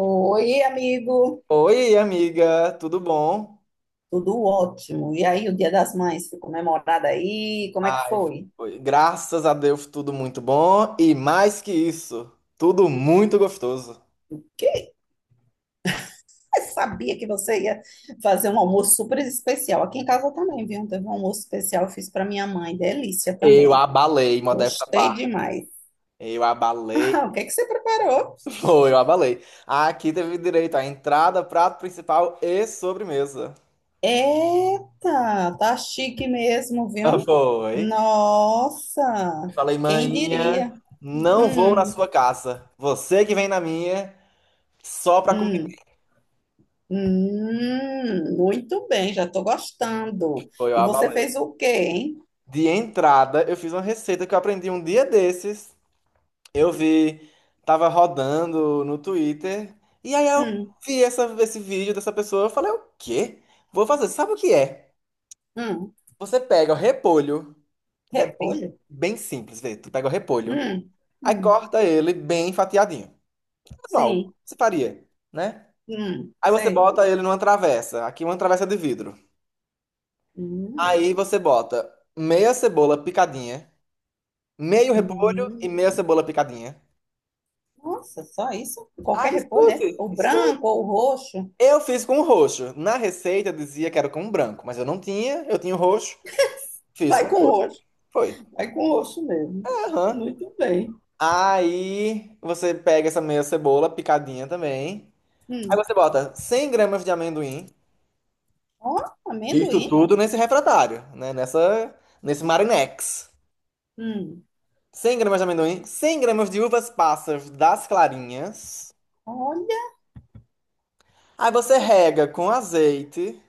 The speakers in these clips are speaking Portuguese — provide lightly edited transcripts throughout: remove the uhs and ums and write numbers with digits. Oi, amigo. Oi, amiga, tudo bom? Tudo ótimo. E aí, o Dia das Mães foi comemorado aí? Como é que Ai, foi? foi. Graças a Deus, tudo muito bom. E mais que isso, tudo muito gostoso. Quem sabia que você ia fazer um almoço super especial? Aqui em casa também, viu? Teve um almoço especial, eu fiz para minha mãe. Delícia Eu também. abalei, modesta Gostei parte. demais. Eu abalei, Ah, o que é que você preparou? foi, eu abalei. Aqui teve direito à entrada, prato principal e sobremesa. Eita, tá chique mesmo, viu? Foi. Nossa, Eu Falei, quem maninha, diria? não vou na Hum, sua casa. Você que vem na minha, só pra comer. hum. Muito bem, já estou gostando. Foi, eu E você abalei. fez o quê, hein? De entrada, eu fiz uma receita que eu aprendi um dia desses. Eu vi, tava rodando no Twitter, e aí eu Hum, vi essa, esse vídeo dessa pessoa, eu falei, o quê? Vou fazer, sabe o que é? hum, Você pega o repolho, é bem, repolho. bem simples, vê, tu pega o repolho, Hum, aí hum, corta ele bem fatiadinho, normal, sim, você faria, né? Aí você sei. bota ele numa travessa, aqui uma travessa de vidro. Hum, Aí você bota meia cebola picadinha, meio repolho e hum. meia cebola picadinha. Nossa, só isso? Ah, Qualquer repolho, é? escute, Ou escute. branco, ou o roxo? Eu fiz com roxo. Na receita dizia que era com branco, mas eu não tinha, eu tinha o roxo, fiz com Vai com roxo. roxo, Foi. vai com roxo mesmo. Aham. Muito bem. Aí você pega essa meia cebola picadinha também. Aí Hum. você bota 100 gramas de amendoim. Ó, Isso amendoim. tudo nesse refratário, né? Nessa, nesse Marinex. Hum, 100 gramas de amendoim, 100 gramas de uvas passas das clarinhas. olha, Aí você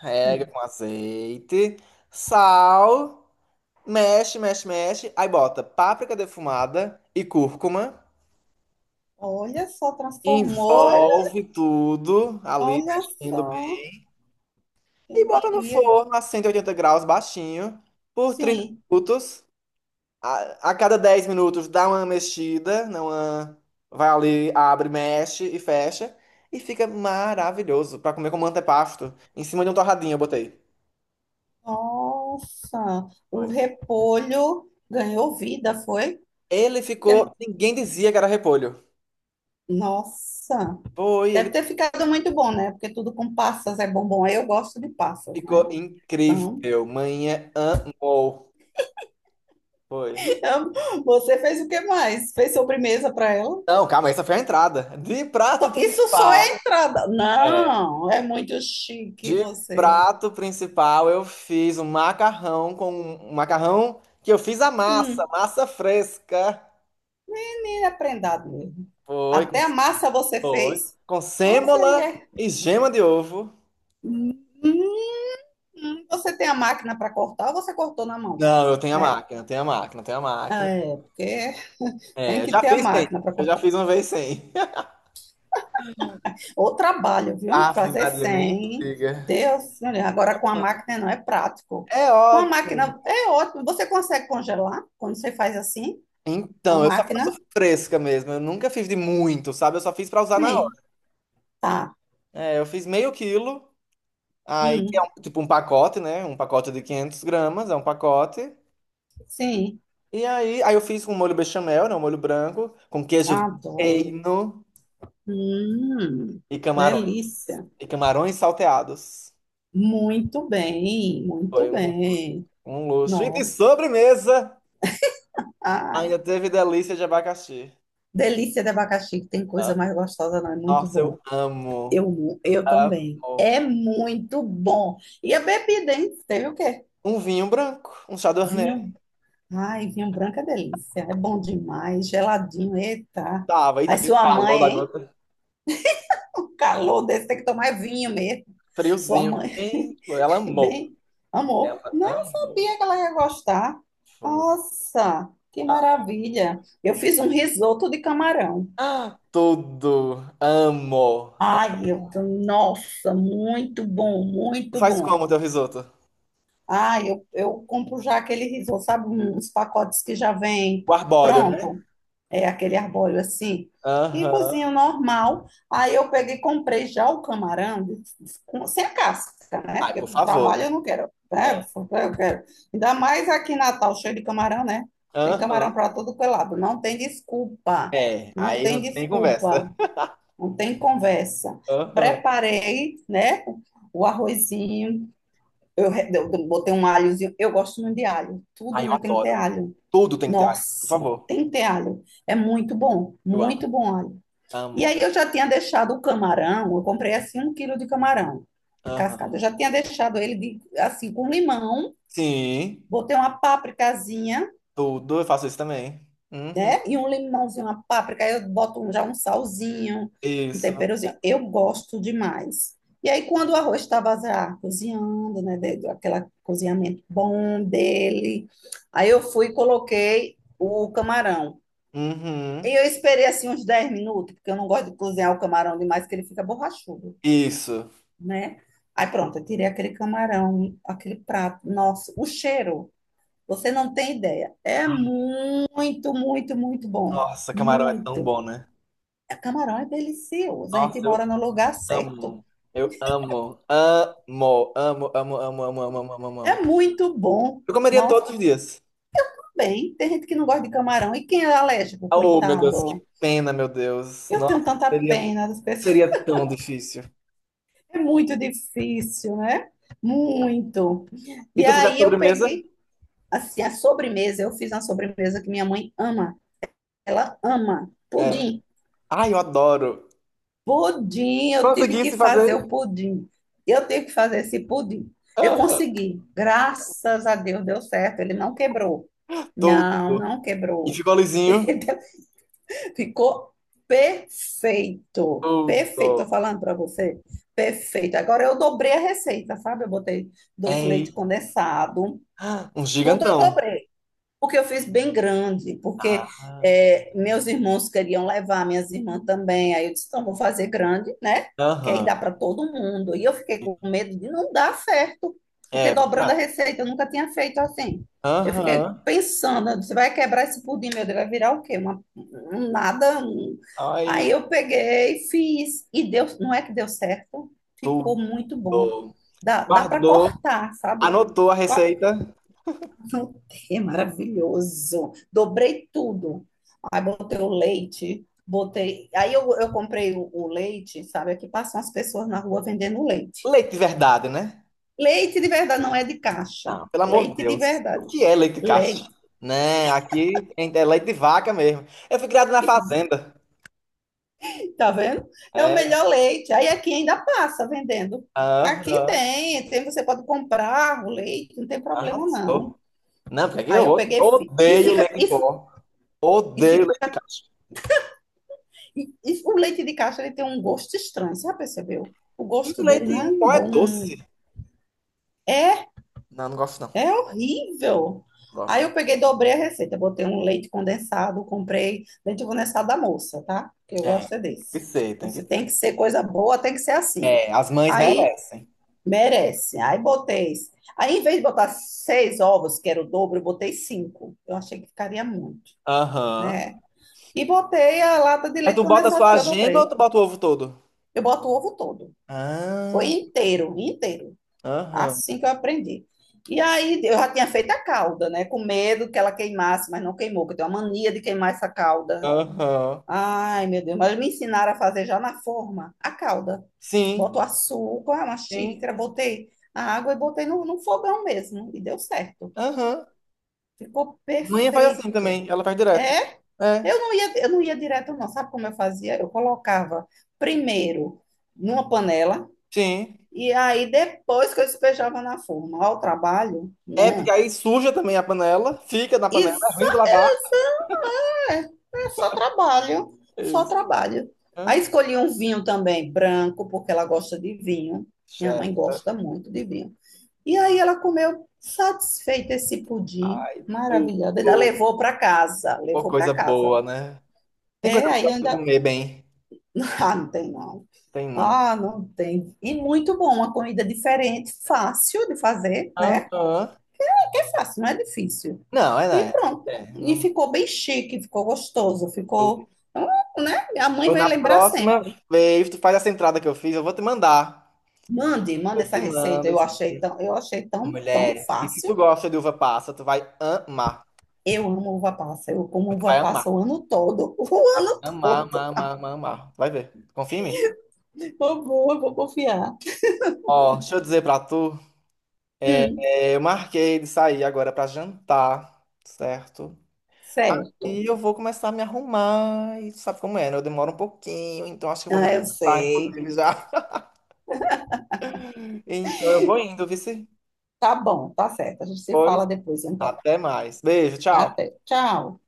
rega hum, com azeite, sal. Mexe, mexe, mexe. Aí bota páprica defumada e cúrcuma. olha só, transformou. Envolve tudo ali, Olha mexendo bem. só, E quem bota no diria. forno a 180 graus, baixinho, por 30 Sim. minutos. A cada 10 minutos dá uma mexida, não uma- vai ali, abre, mexe e fecha. E fica maravilhoso pra comer como antepasto. Em cima de um torradinho eu botei. Nossa, o Foi. repolho ganhou vida, foi? Ele Porque, ficou. Ninguém dizia que era repolho. nossa, Foi, deve ele ter ficado muito bom, né? Porque tudo com passas é bom. Bom, eu gosto de passas, né? ficou Então, incrível. Manhã amou. Foi. você fez o que mais? Fez sobremesa para ela? Não, calma, essa foi a entrada. De prato Isso só é principal, entrada. é, Não, é muito chique de você. prato principal eu fiz um macarrão com um macarrão que eu fiz a massa, Hum, massa fresca. e aprendado mesmo. Foi, com- Até a massa você foi. fez. Com Nossa, e sêmola é. e gema de ovo. Hum. Você tem a máquina para cortar ou você cortou na mão? Não, eu tenho a Né? máquina, eu tenho a máquina. É, porque tem É, eu que já ter a fiz sem. máquina para Eu cortar. já fiz uma vez sem. Ou trabalho, viu? Ave Fazer Maria, nem sem. diga. Deus, meu Deus, agora com a máquina não é prático. É Com a ótimo. máquina é ótimo. Você consegue congelar quando você faz assim? Com a Então, eu só faço máquina? fresca mesmo. Eu nunca fiz de muito, sabe? Eu só fiz pra usar na Sim, hora. tá. É, eu fiz meio quilo, aí que Hum, é um- tipo um pacote, né? Um pacote de 500 gramas, é um pacote. sim, E aí, eu fiz com molho bechamel, né? Um molho branco, com queijo do adoro. reino Hum, e camarões. delícia. E camarões salteados. Muito bem, muito Foi um luxo. bem. Um luxo. E de Nossa. sobremesa, Ah, ainda teve delícia de abacaxi. delícia de abacaxi, que tem coisa Ah, mais gostosa, não? É muito nossa, bom. eu amo. Eu Amo. também. É muito bom. E a bebida, hein? Teve o quê? Um vinho branco, um chardonnay. Vinho. Ai, vinho branco é delícia. É bom demais. Geladinho, eita. Tava, e Aí aquele sua calor mãe, da hein? gota. O calor desse tem que tomar vinho mesmo. Sua Friozinho. mãe, Ei, ela amou. bem, Ela amor. Não amou. sabia que ela ia gostar. Foi. Nossa, que Ah, maravilha. Eu fiz um risoto de camarão. ah, tudo. Amo. Ai, nossa, muito bom, muito Faz bom. como teu risoto? Ai, eu compro já aquele risoto, sabe, uns pacotes que já vem O arbóreo, né? pronto, é aquele arbóreo assim, e Aham. cozinho normal. Aí eu peguei e comprei já o camarão sem a casca, né? Ai, Porque por pro favor, né? trabalho eu não quero, É. né? Eu quero. Ainda mais aqui em Natal, cheio de camarão, né? Tem camarão Aham. para todo que é lado, não tem desculpa, É. não Aí tem não tem conversa. desculpa, não tem conversa. Aham. Preparei, né, o arrozinho, eu botei um alhozinho, eu gosto muito de alho, tudo Ai, eu meu tem que ter adoro. alho. Tudo tem que ter alho, por Nossa, favor. tem que ter alho, é Eu amo. muito bom alho. E Amo. aí eu já tinha deixado o camarão, eu comprei assim um quilo de camarão cascado, eu Aham. já tinha deixado assim com limão, Sim. botei uma pápricazinha, Tudo. Eu faço isso também. Uhum. né? E um limãozinho, uma páprica, aí eu boto já um salzinho, um Isso. temperozinho. Eu gosto demais. E aí, quando o arroz estava já cozinhando, né? Aquele cozinhamento bom dele, aí eu fui e coloquei o camarão. E Uhum. eu esperei assim uns 10 minutos, porque eu não gosto de cozinhar o camarão demais, que ele fica borrachudo, Isso. né? Aí pronto, eu tirei aquele camarão, aquele prato. Nossa, o cheiro, você não tem ideia. É muito, muito, muito bom. Nossa, camarão é tão Muito. bom, né? É, camarão é delicioso, a gente Nossa, eu mora no lugar certo. amo. Eu amo. Amo, amo, amo, amo, amo, amo, amo, amo, amo. É muito bom. Eu comeria Nossa, todos os que dias. bem. Tem gente que não gosta de camarão. E quem é alérgico, Oh, meu Deus, que coitado? pena, meu Deus. Eu tenho Nossa, tanta seria, pena das pessoas. seria tão difícil. É muito difícil, né? Muito. E E tu fizesse aí eu sobremesa? peguei, assim, a sobremesa. Eu fiz uma sobremesa que minha mãe ama. Ela ama É. pudim. Ai, eu adoro. Pudim, eu tive Conseguisse que fazer fazer. o pudim. Eu tive que fazer esse pudim. Eu Ah, consegui. Graças a Deus deu certo. Ele não quebrou. tô... Não, não E quebrou. ficou lisinho. Entendeu? Ficou perfeito. Perfeito, Todo tô falando para você. Perfeito. Agora eu dobrei a receita, sabe? Eu botei dois é. leite condensado, Um tudo eu gigantão. dobrei porque eu fiz bem grande, porque Ah, é, meus irmãos queriam levar, minhas irmãs também. Aí eu disse, então vou fazer grande, né? Que aí dá aham. para todo mundo. E eu fiquei com medo de não dar certo, porque É dobrando a verdade. receita eu nunca tinha feito assim. Eu fiquei Aham. pensando, você vai quebrar esse pudim, meu Deus, vai virar o quê? Um nada. Aí Ai, eu peguei, fiz, e deu, não é que deu certo, ficou muito bom. tudo. Dá para Guardou, cortar, sabe? anotou a receita. Voltei, maravilhoso. Dobrei tudo. Aí botei o leite, botei. Aí eu comprei o leite, sabe? Aqui passam as pessoas na rua vendendo leite. Leite de verdade, né? Leite de verdade não é de caixa. Não, pelo amor de Leite de Deus. O verdade. que é leite de cacho? Leite. Né, aqui é leite de vaca mesmo. Eu fui criado na fazenda. Tá vendo? É o É, melhor leite. Aí aqui ainda passa vendendo. Aqui aham, tem, tem, você pode comprar o leite, não tem problema não. arrasou. Não, porque aqui Aí eu eu peguei fi- e odeio fica leite em pó. e fica Odeio leite de cacho. E, e o leite de caixa ele tem um gosto estranho, você já percebeu? O E gosto dele leite não é em um pó é bom. doce. É, Não, não gosto não. é horrível. Aí Gosto. eu peguei, dobrei a receita, botei um leite condensado, comprei leite condensado da moça, tá? Que eu É, tem gosto é que desse. ser, tem que Você tem ser. que ser coisa boa, tem que ser assim. É, as mães Aí merecem. merece. Aí botei. Aí em vez de botar seis ovos, que era o dobro, eu botei cinco. Eu achei que ficaria muito, Aham. né? E botei a lata de Mas leite tu bota só condensado que a eu gema ou dobrei. tu bota o ovo todo? Eu boto o ovo todo. Foi Ah, inteiro, inteiro. aham, Assim que eu aprendi. E aí eu já tinha feito a calda, né? Com medo que ela queimasse, mas não queimou, porque eu tenho uma mania de queimar essa calda. aham. Ai, meu Deus, mas me ensinaram a fazer já na forma a calda. Sim, Boto açúcar, uma xícara, sim. botei a água e botei no fogão mesmo. E deu certo. Aham. Ficou Manhã faz assim perfeito. também, ela faz direto. É, É, eu não ia direto, não. Sabe como eu fazia? Eu colocava primeiro numa panela. sim. E aí, depois que eu despejava na forma, ó, o trabalho, É, porque né? aí suja também a panela, fica na E panela, é só, ruim de lavar. só- é é só trabalho, só Isso. trabalho. Aí Hã? escolhi um vinho também, branco, porque ela gosta de vinho. Minha Chefe. mãe gosta muito de vinho. E aí ela comeu satisfeita esse pudim, Ai, maravilhosa. Ainda tudo. levou para casa, Pô, levou para coisa casa. boa, né? Tem coisa É, aí boa pra ainda. comer bem. Ah, não tem não. Tem nada. Ah, não tem. E muito bom, uma comida diferente, fácil de fazer, né? Aham. É fácil, não é difícil. Não, é, E né? pronto. É, E não. ficou bem chique, ficou gostoso, ficou. Então, né? A mãe Ou vai na lembrar próxima sempre. vez, tu faz essa entrada que eu fiz, eu vou te mandar. Mande, manda Eu essa te receita. mando isso aqui. Eu achei tão, tão Mulher, e se tu fácil. gosta de uva passa, tu vai amar. Eu amo uva passa. Eu como Tu uva vai amar. passa o ano todo. O ano Amar, todo. amar, amar, amar, amar. Vai ver. Confia em mim. Eu vou confiar. Ó, deixa eu dizer pra tu. é, Hum, eu marquei de sair agora pra jantar, certo? certo. Aí eu vou começar a me arrumar. E tu sabe como é, né? Eu demoro um pouquinho, então acho que eu vou me Ah, eu arrumar, sei. inclusive, já. Então eu vou indo, vice. Tá bom, tá certo. A gente se Pois, fala depois, então. até mais. Beijo, tchau. Até. Tchau.